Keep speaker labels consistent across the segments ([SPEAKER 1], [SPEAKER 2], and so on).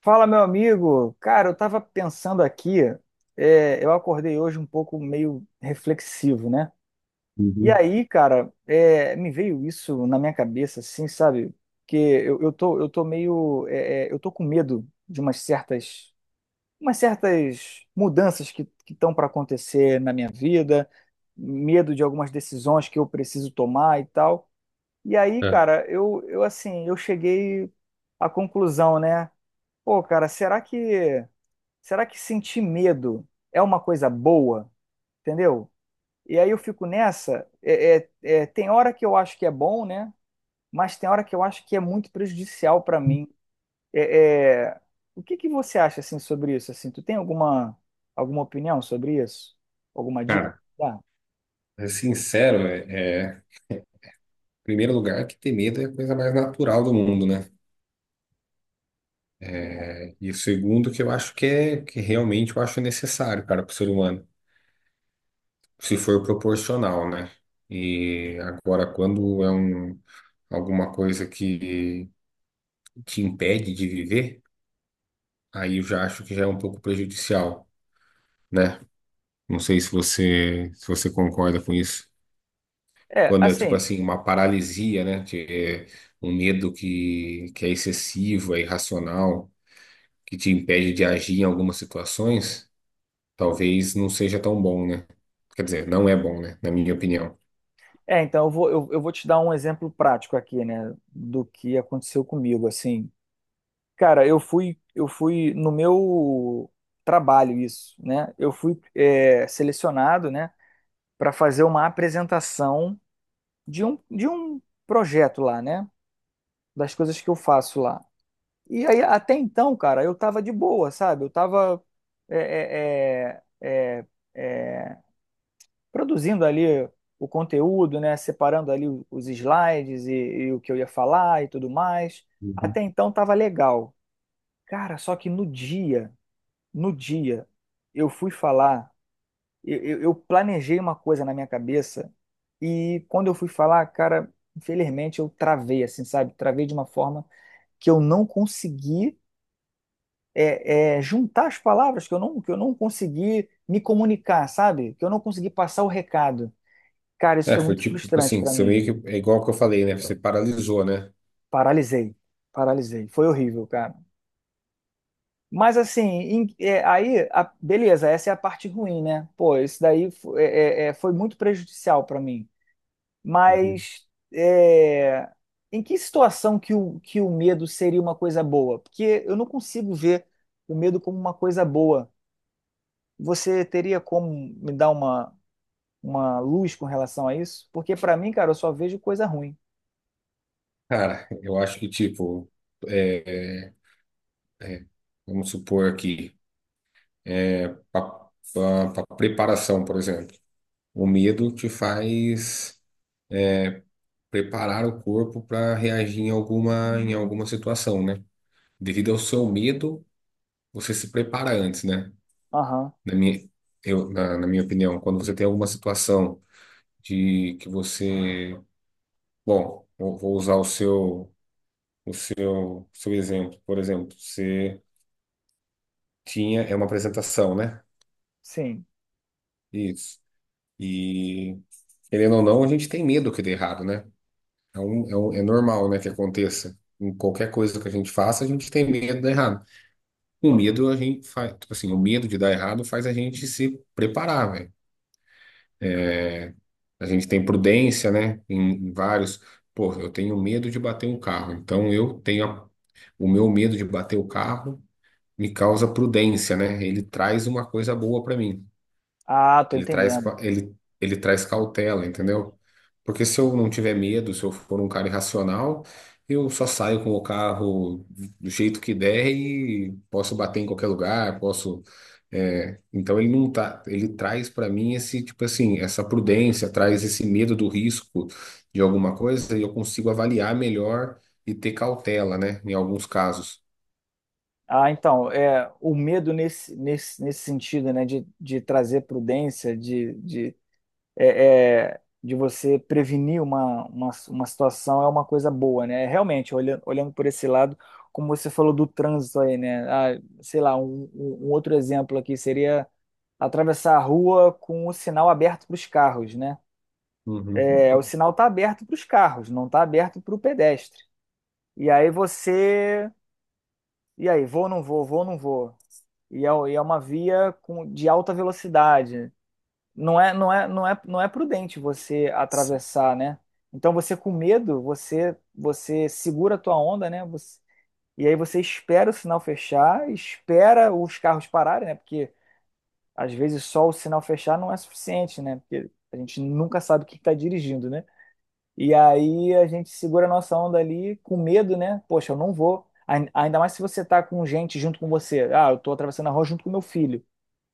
[SPEAKER 1] Fala, meu amigo. Cara, eu tava pensando aqui, eu acordei hoje um pouco meio reflexivo, né? E
[SPEAKER 2] Uhum.
[SPEAKER 1] aí, cara, me veio isso na minha cabeça, assim, sabe? Que eu tô meio, eu tô com medo de umas certas mudanças que estão para acontecer na minha vida, medo de algumas decisões que eu preciso tomar e tal. E aí,
[SPEAKER 2] É.
[SPEAKER 1] cara, eu assim, eu cheguei à conclusão, né? Pô, cara, Será que sentir medo é uma coisa boa? Entendeu? E aí eu fico nessa. Tem hora que eu acho que é bom, né? Mas tem hora que eu acho que é muito prejudicial para mim. É, é, o que que você acha assim sobre isso? Assim, tu tem alguma opinião sobre isso? Alguma dica?
[SPEAKER 2] Cara,
[SPEAKER 1] Dá?
[SPEAKER 2] é sincero, em primeiro lugar, que ter medo é a coisa mais natural do mundo, né? É, e o segundo, que eu acho que é que realmente eu acho necessário, cara, para o ser humano, se for proporcional, né? E agora, quando é alguma coisa que te impede de viver, aí eu já acho que já é um pouco prejudicial, né? Não sei se você, se você concorda com isso. Quando é tipo
[SPEAKER 1] Assim,
[SPEAKER 2] assim, uma paralisia, né? É um medo que é excessivo, é irracional, que te impede de agir em algumas situações, talvez não seja tão bom, né? Quer dizer, não é bom, né? Na minha opinião.
[SPEAKER 1] então eu vou te dar um exemplo prático aqui, né, do que aconteceu comigo, assim. Cara, eu fui no meu trabalho isso, né? Eu fui selecionado, né, para fazer uma apresentação de um projeto lá, né? Das coisas que eu faço lá. E aí, até então, cara, eu tava de boa, sabe? Eu tava é, é, é, é, produzindo ali o conteúdo, né? Separando ali os slides e o que eu ia falar e tudo mais.
[SPEAKER 2] Uhum.
[SPEAKER 1] Até então tava legal. Cara, só que no dia. No dia, eu fui falar, eu planejei uma coisa na minha cabeça e quando eu fui falar, cara, infelizmente eu travei, assim, sabe? Travei de uma forma que eu não consegui juntar as palavras, que eu não consegui me comunicar, sabe? Que eu não consegui passar o recado. Cara, isso
[SPEAKER 2] É,
[SPEAKER 1] foi
[SPEAKER 2] foi
[SPEAKER 1] muito
[SPEAKER 2] tipo, tipo
[SPEAKER 1] frustrante
[SPEAKER 2] assim,
[SPEAKER 1] pra
[SPEAKER 2] você
[SPEAKER 1] mim.
[SPEAKER 2] meio que, é igual que eu falei, né? Você paralisou, né?
[SPEAKER 1] Paralisei, paralisei. Foi horrível, cara. Mas assim, beleza, essa é a parte ruim, né? Pô, isso daí foi muito prejudicial para mim.
[SPEAKER 2] Uhum.
[SPEAKER 1] Mas é, em que situação que que o medo seria uma coisa boa? Porque eu não consigo ver o medo como uma coisa boa. Você teria como me dar uma luz com relação a isso? Porque para mim, cara, eu só vejo coisa ruim.
[SPEAKER 2] Cara, eu acho que tipo, é, é, é, vamos supor aqui, para preparação, por exemplo, o medo te faz preparar o corpo para reagir em alguma situação, né? Devido ao seu medo, você se prepara antes, né?
[SPEAKER 1] Aham,
[SPEAKER 2] Na minha, eu, na, na minha opinião, quando você tem alguma situação de que você, bom, eu vou usar o seu, seu exemplo, por exemplo, você tinha, é, uma apresentação, né?
[SPEAKER 1] sim.
[SPEAKER 2] Isso. E, querendo ou não, a gente tem medo que dê errado, né? É, é normal, né, que aconteça. Em qualquer coisa que a gente faça, a gente tem medo de dar errado. O medo de dar errado faz a gente se preparar, velho. A gente tem prudência, né? Pô, eu tenho medo de bater um carro. Então o meu medo de bater o carro me causa prudência, né? Ele traz uma coisa boa pra mim.
[SPEAKER 1] Ah, tô entendendo.
[SPEAKER 2] Ele, ele traz cautela, entendeu? Porque se eu não tiver medo, se eu for um cara irracional, eu só saio com o carro do jeito que der e posso bater em qualquer lugar, posso. É, então ele não tá, ele traz para mim esse tipo assim, essa prudência, traz esse medo do risco de alguma coisa e eu consigo avaliar melhor e ter cautela, né? Em alguns casos.
[SPEAKER 1] Ah, então, o medo nesse sentido, né, de trazer prudência, de você prevenir uma situação é uma coisa boa, né? Realmente, olhando por esse lado, como você falou do trânsito aí, né? Ah, sei lá, um outro exemplo aqui seria atravessar a rua com o sinal aberto para os carros, né?
[SPEAKER 2] Uhum.
[SPEAKER 1] É, o sinal está aberto para os carros, não está aberto para o pedestre. E aí você. E aí, vou ou não vou? Vou ou não vou? E é uma via com, de alta velocidade. Não é prudente você atravessar, né? Então você com medo, você segura a tua onda, né? E aí você espera o sinal fechar, espera os carros pararem, né? Porque às vezes só o sinal fechar não é suficiente, né? Porque a gente nunca sabe quem está dirigindo, né? E aí a gente segura a nossa onda ali com medo, né? Poxa, eu não vou. Ainda mais se você tá com gente junto com você. Ah, eu tô atravessando a rua junto com meu filho,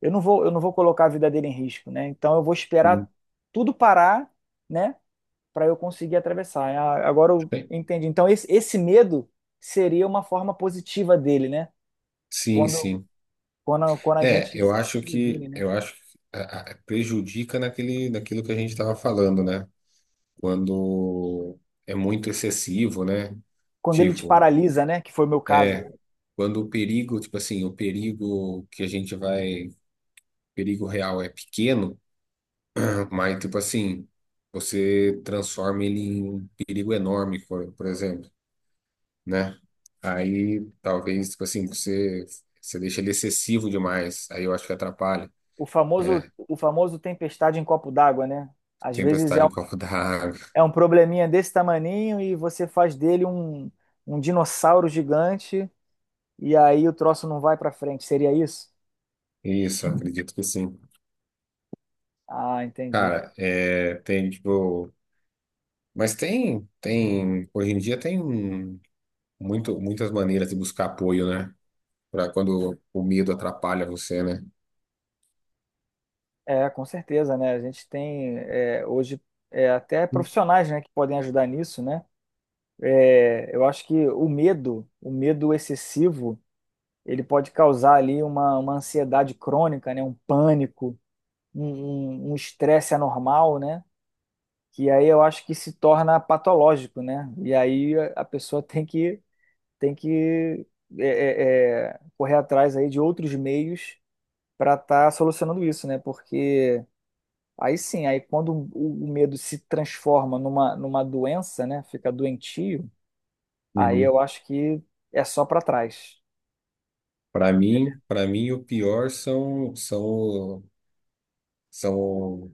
[SPEAKER 1] eu não vou colocar a vida dele em risco, né? Então eu vou esperar
[SPEAKER 2] Sim,
[SPEAKER 1] tudo parar, né, para eu conseguir atravessar. Agora eu entendi. Então esse medo seria uma forma positiva dele, né?
[SPEAKER 2] sim,
[SPEAKER 1] Quando,
[SPEAKER 2] sim.
[SPEAKER 1] Quando a
[SPEAKER 2] É,
[SPEAKER 1] gente se previne, né?
[SPEAKER 2] eu acho que prejudica naquele, naquilo que a gente estava falando, né? Quando é muito excessivo, né?
[SPEAKER 1] Quando ele te
[SPEAKER 2] Tipo,
[SPEAKER 1] paralisa, né? Que foi o meu caso, né?
[SPEAKER 2] quando o perigo, tipo assim, o perigo que a gente vai, perigo real é pequeno, mas tipo assim, você transforma ele em um perigo enorme, por exemplo, né? Aí talvez, tipo assim, você, você deixa ele excessivo demais, aí eu acho que atrapalha,
[SPEAKER 1] O
[SPEAKER 2] né?
[SPEAKER 1] famoso tempestade em copo d'água, né? Às vezes é
[SPEAKER 2] Tempestade em copo d'água.
[SPEAKER 1] é um probleminha desse tamaninho e você faz dele um dinossauro gigante e aí o troço não vai para frente. Seria isso?
[SPEAKER 2] Isso, acredito que sim.
[SPEAKER 1] Ah, entendi.
[SPEAKER 2] Cara, é, tem tipo. Mas tem, tem. Hoje em dia tem muitas maneiras de buscar apoio, né? Pra quando o medo atrapalha você, né?
[SPEAKER 1] É, com certeza, né? A gente tem hoje até profissionais, né, que podem ajudar nisso, né? É, eu acho que o medo excessivo, ele pode causar ali uma ansiedade crônica, né? Um pânico, um um estresse anormal, né? Que aí eu acho que se torna patológico, né? E aí a pessoa tem que correr atrás aí de outros meios para estar solucionando isso, né? Porque aí sim, aí quando o medo se transforma numa doença, né? Fica doentio, aí
[SPEAKER 2] Uhum.
[SPEAKER 1] eu acho que é só para trás.
[SPEAKER 2] Para mim o pior são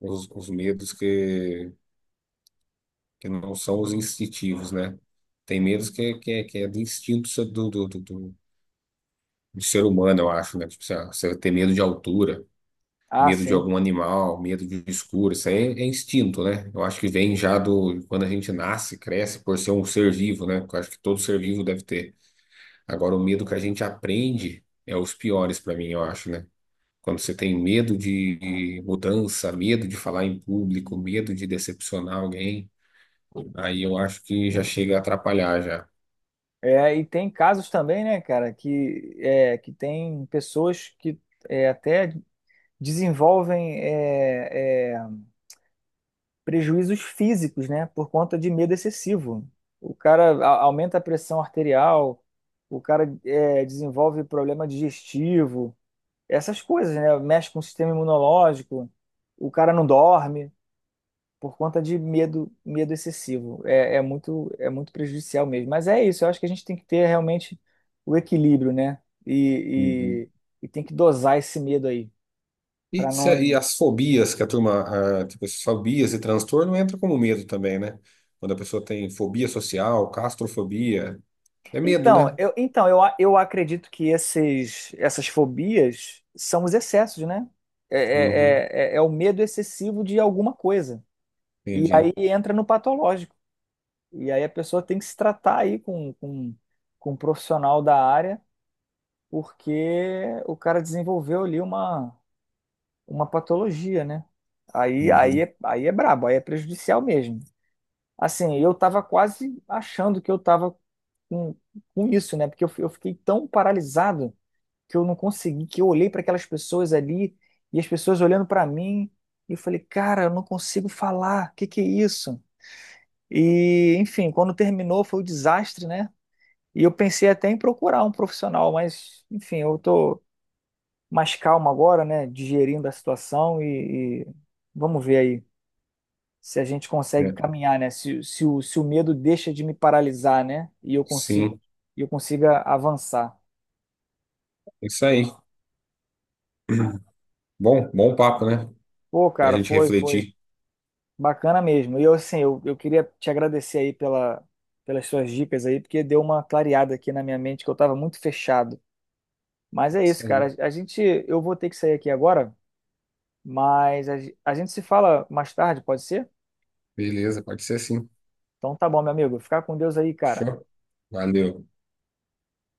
[SPEAKER 2] os medos que não são os instintivos, né? Tem medos que é do instinto do ser humano, eu acho, né? Tipo, sei lá, você tem medo de altura,
[SPEAKER 1] Ah,
[SPEAKER 2] medo de
[SPEAKER 1] sim.
[SPEAKER 2] algum animal, medo de um escuro. Isso aí é, é instinto, né? Eu acho que vem já do quando a gente nasce, cresce por ser um ser vivo, né? Eu acho que todo ser vivo deve ter. Agora, o medo que a gente aprende é os piores para mim, eu acho, né? Quando você tem medo de mudança, medo de falar em público, medo de decepcionar alguém, aí eu acho que já chega a atrapalhar já.
[SPEAKER 1] É, e tem casos também, né, cara, que, que tem pessoas que é, até desenvolvem prejuízos físicos, né, por conta de medo excessivo. O cara aumenta a pressão arterial, o cara desenvolve problema digestivo, essas coisas, né? Mexe com o sistema imunológico, o cara não dorme por conta de medo, medo excessivo. É, é muito prejudicial mesmo. Mas é isso, eu acho que a gente tem que ter realmente o equilíbrio, né?
[SPEAKER 2] Uhum.
[SPEAKER 1] E, e tem que dosar esse medo aí,
[SPEAKER 2] E,
[SPEAKER 1] para
[SPEAKER 2] e
[SPEAKER 1] não.
[SPEAKER 2] as fobias que a turma, ah, tipo, essas fobias e transtorno entra como medo também, né? Quando a pessoa tem fobia social, castrofobia, é medo,
[SPEAKER 1] Então,
[SPEAKER 2] né?
[SPEAKER 1] eu acredito que essas fobias são os excessos, né?
[SPEAKER 2] Uhum,
[SPEAKER 1] É o medo excessivo de alguma coisa. E
[SPEAKER 2] entendi.
[SPEAKER 1] aí entra no patológico. E aí a pessoa tem que se tratar aí com um profissional da área, porque o cara desenvolveu ali uma patologia, né?
[SPEAKER 2] Uhum,
[SPEAKER 1] Aí é brabo, aí é prejudicial mesmo. Assim, eu tava quase achando que eu tava com, com isso, né? Porque eu, eu fiquei tão paralisado que eu não consegui, que eu olhei para aquelas pessoas ali e as pessoas olhando para mim e eu falei, cara, eu não consigo falar, o que que é isso? E, enfim, quando terminou foi o desastre, né? E eu pensei até em procurar um profissional, mas, enfim, eu tô mais calmo agora, né? Digerindo a situação e vamos ver aí se a gente consegue
[SPEAKER 2] é.
[SPEAKER 1] caminhar, né? Se se o medo deixa de me paralisar, né?
[SPEAKER 2] Sim,
[SPEAKER 1] E eu consiga avançar.
[SPEAKER 2] é isso aí. Bom, bom papo, né?
[SPEAKER 1] Pô,
[SPEAKER 2] Pra
[SPEAKER 1] cara,
[SPEAKER 2] gente
[SPEAKER 1] foi
[SPEAKER 2] refletir.
[SPEAKER 1] bacana mesmo. E eu, assim, eu queria te agradecer aí pelas suas dicas aí, porque deu uma clareada aqui na minha mente que eu tava muito fechado. Mas
[SPEAKER 2] É
[SPEAKER 1] é
[SPEAKER 2] isso
[SPEAKER 1] isso, cara.
[SPEAKER 2] aí.
[SPEAKER 1] Eu vou ter que sair aqui agora. Mas a gente se fala mais tarde, pode ser?
[SPEAKER 2] Beleza, pode ser sim.
[SPEAKER 1] Então tá bom, meu amigo. Fica com Deus aí, cara.
[SPEAKER 2] Fechou? Valeu.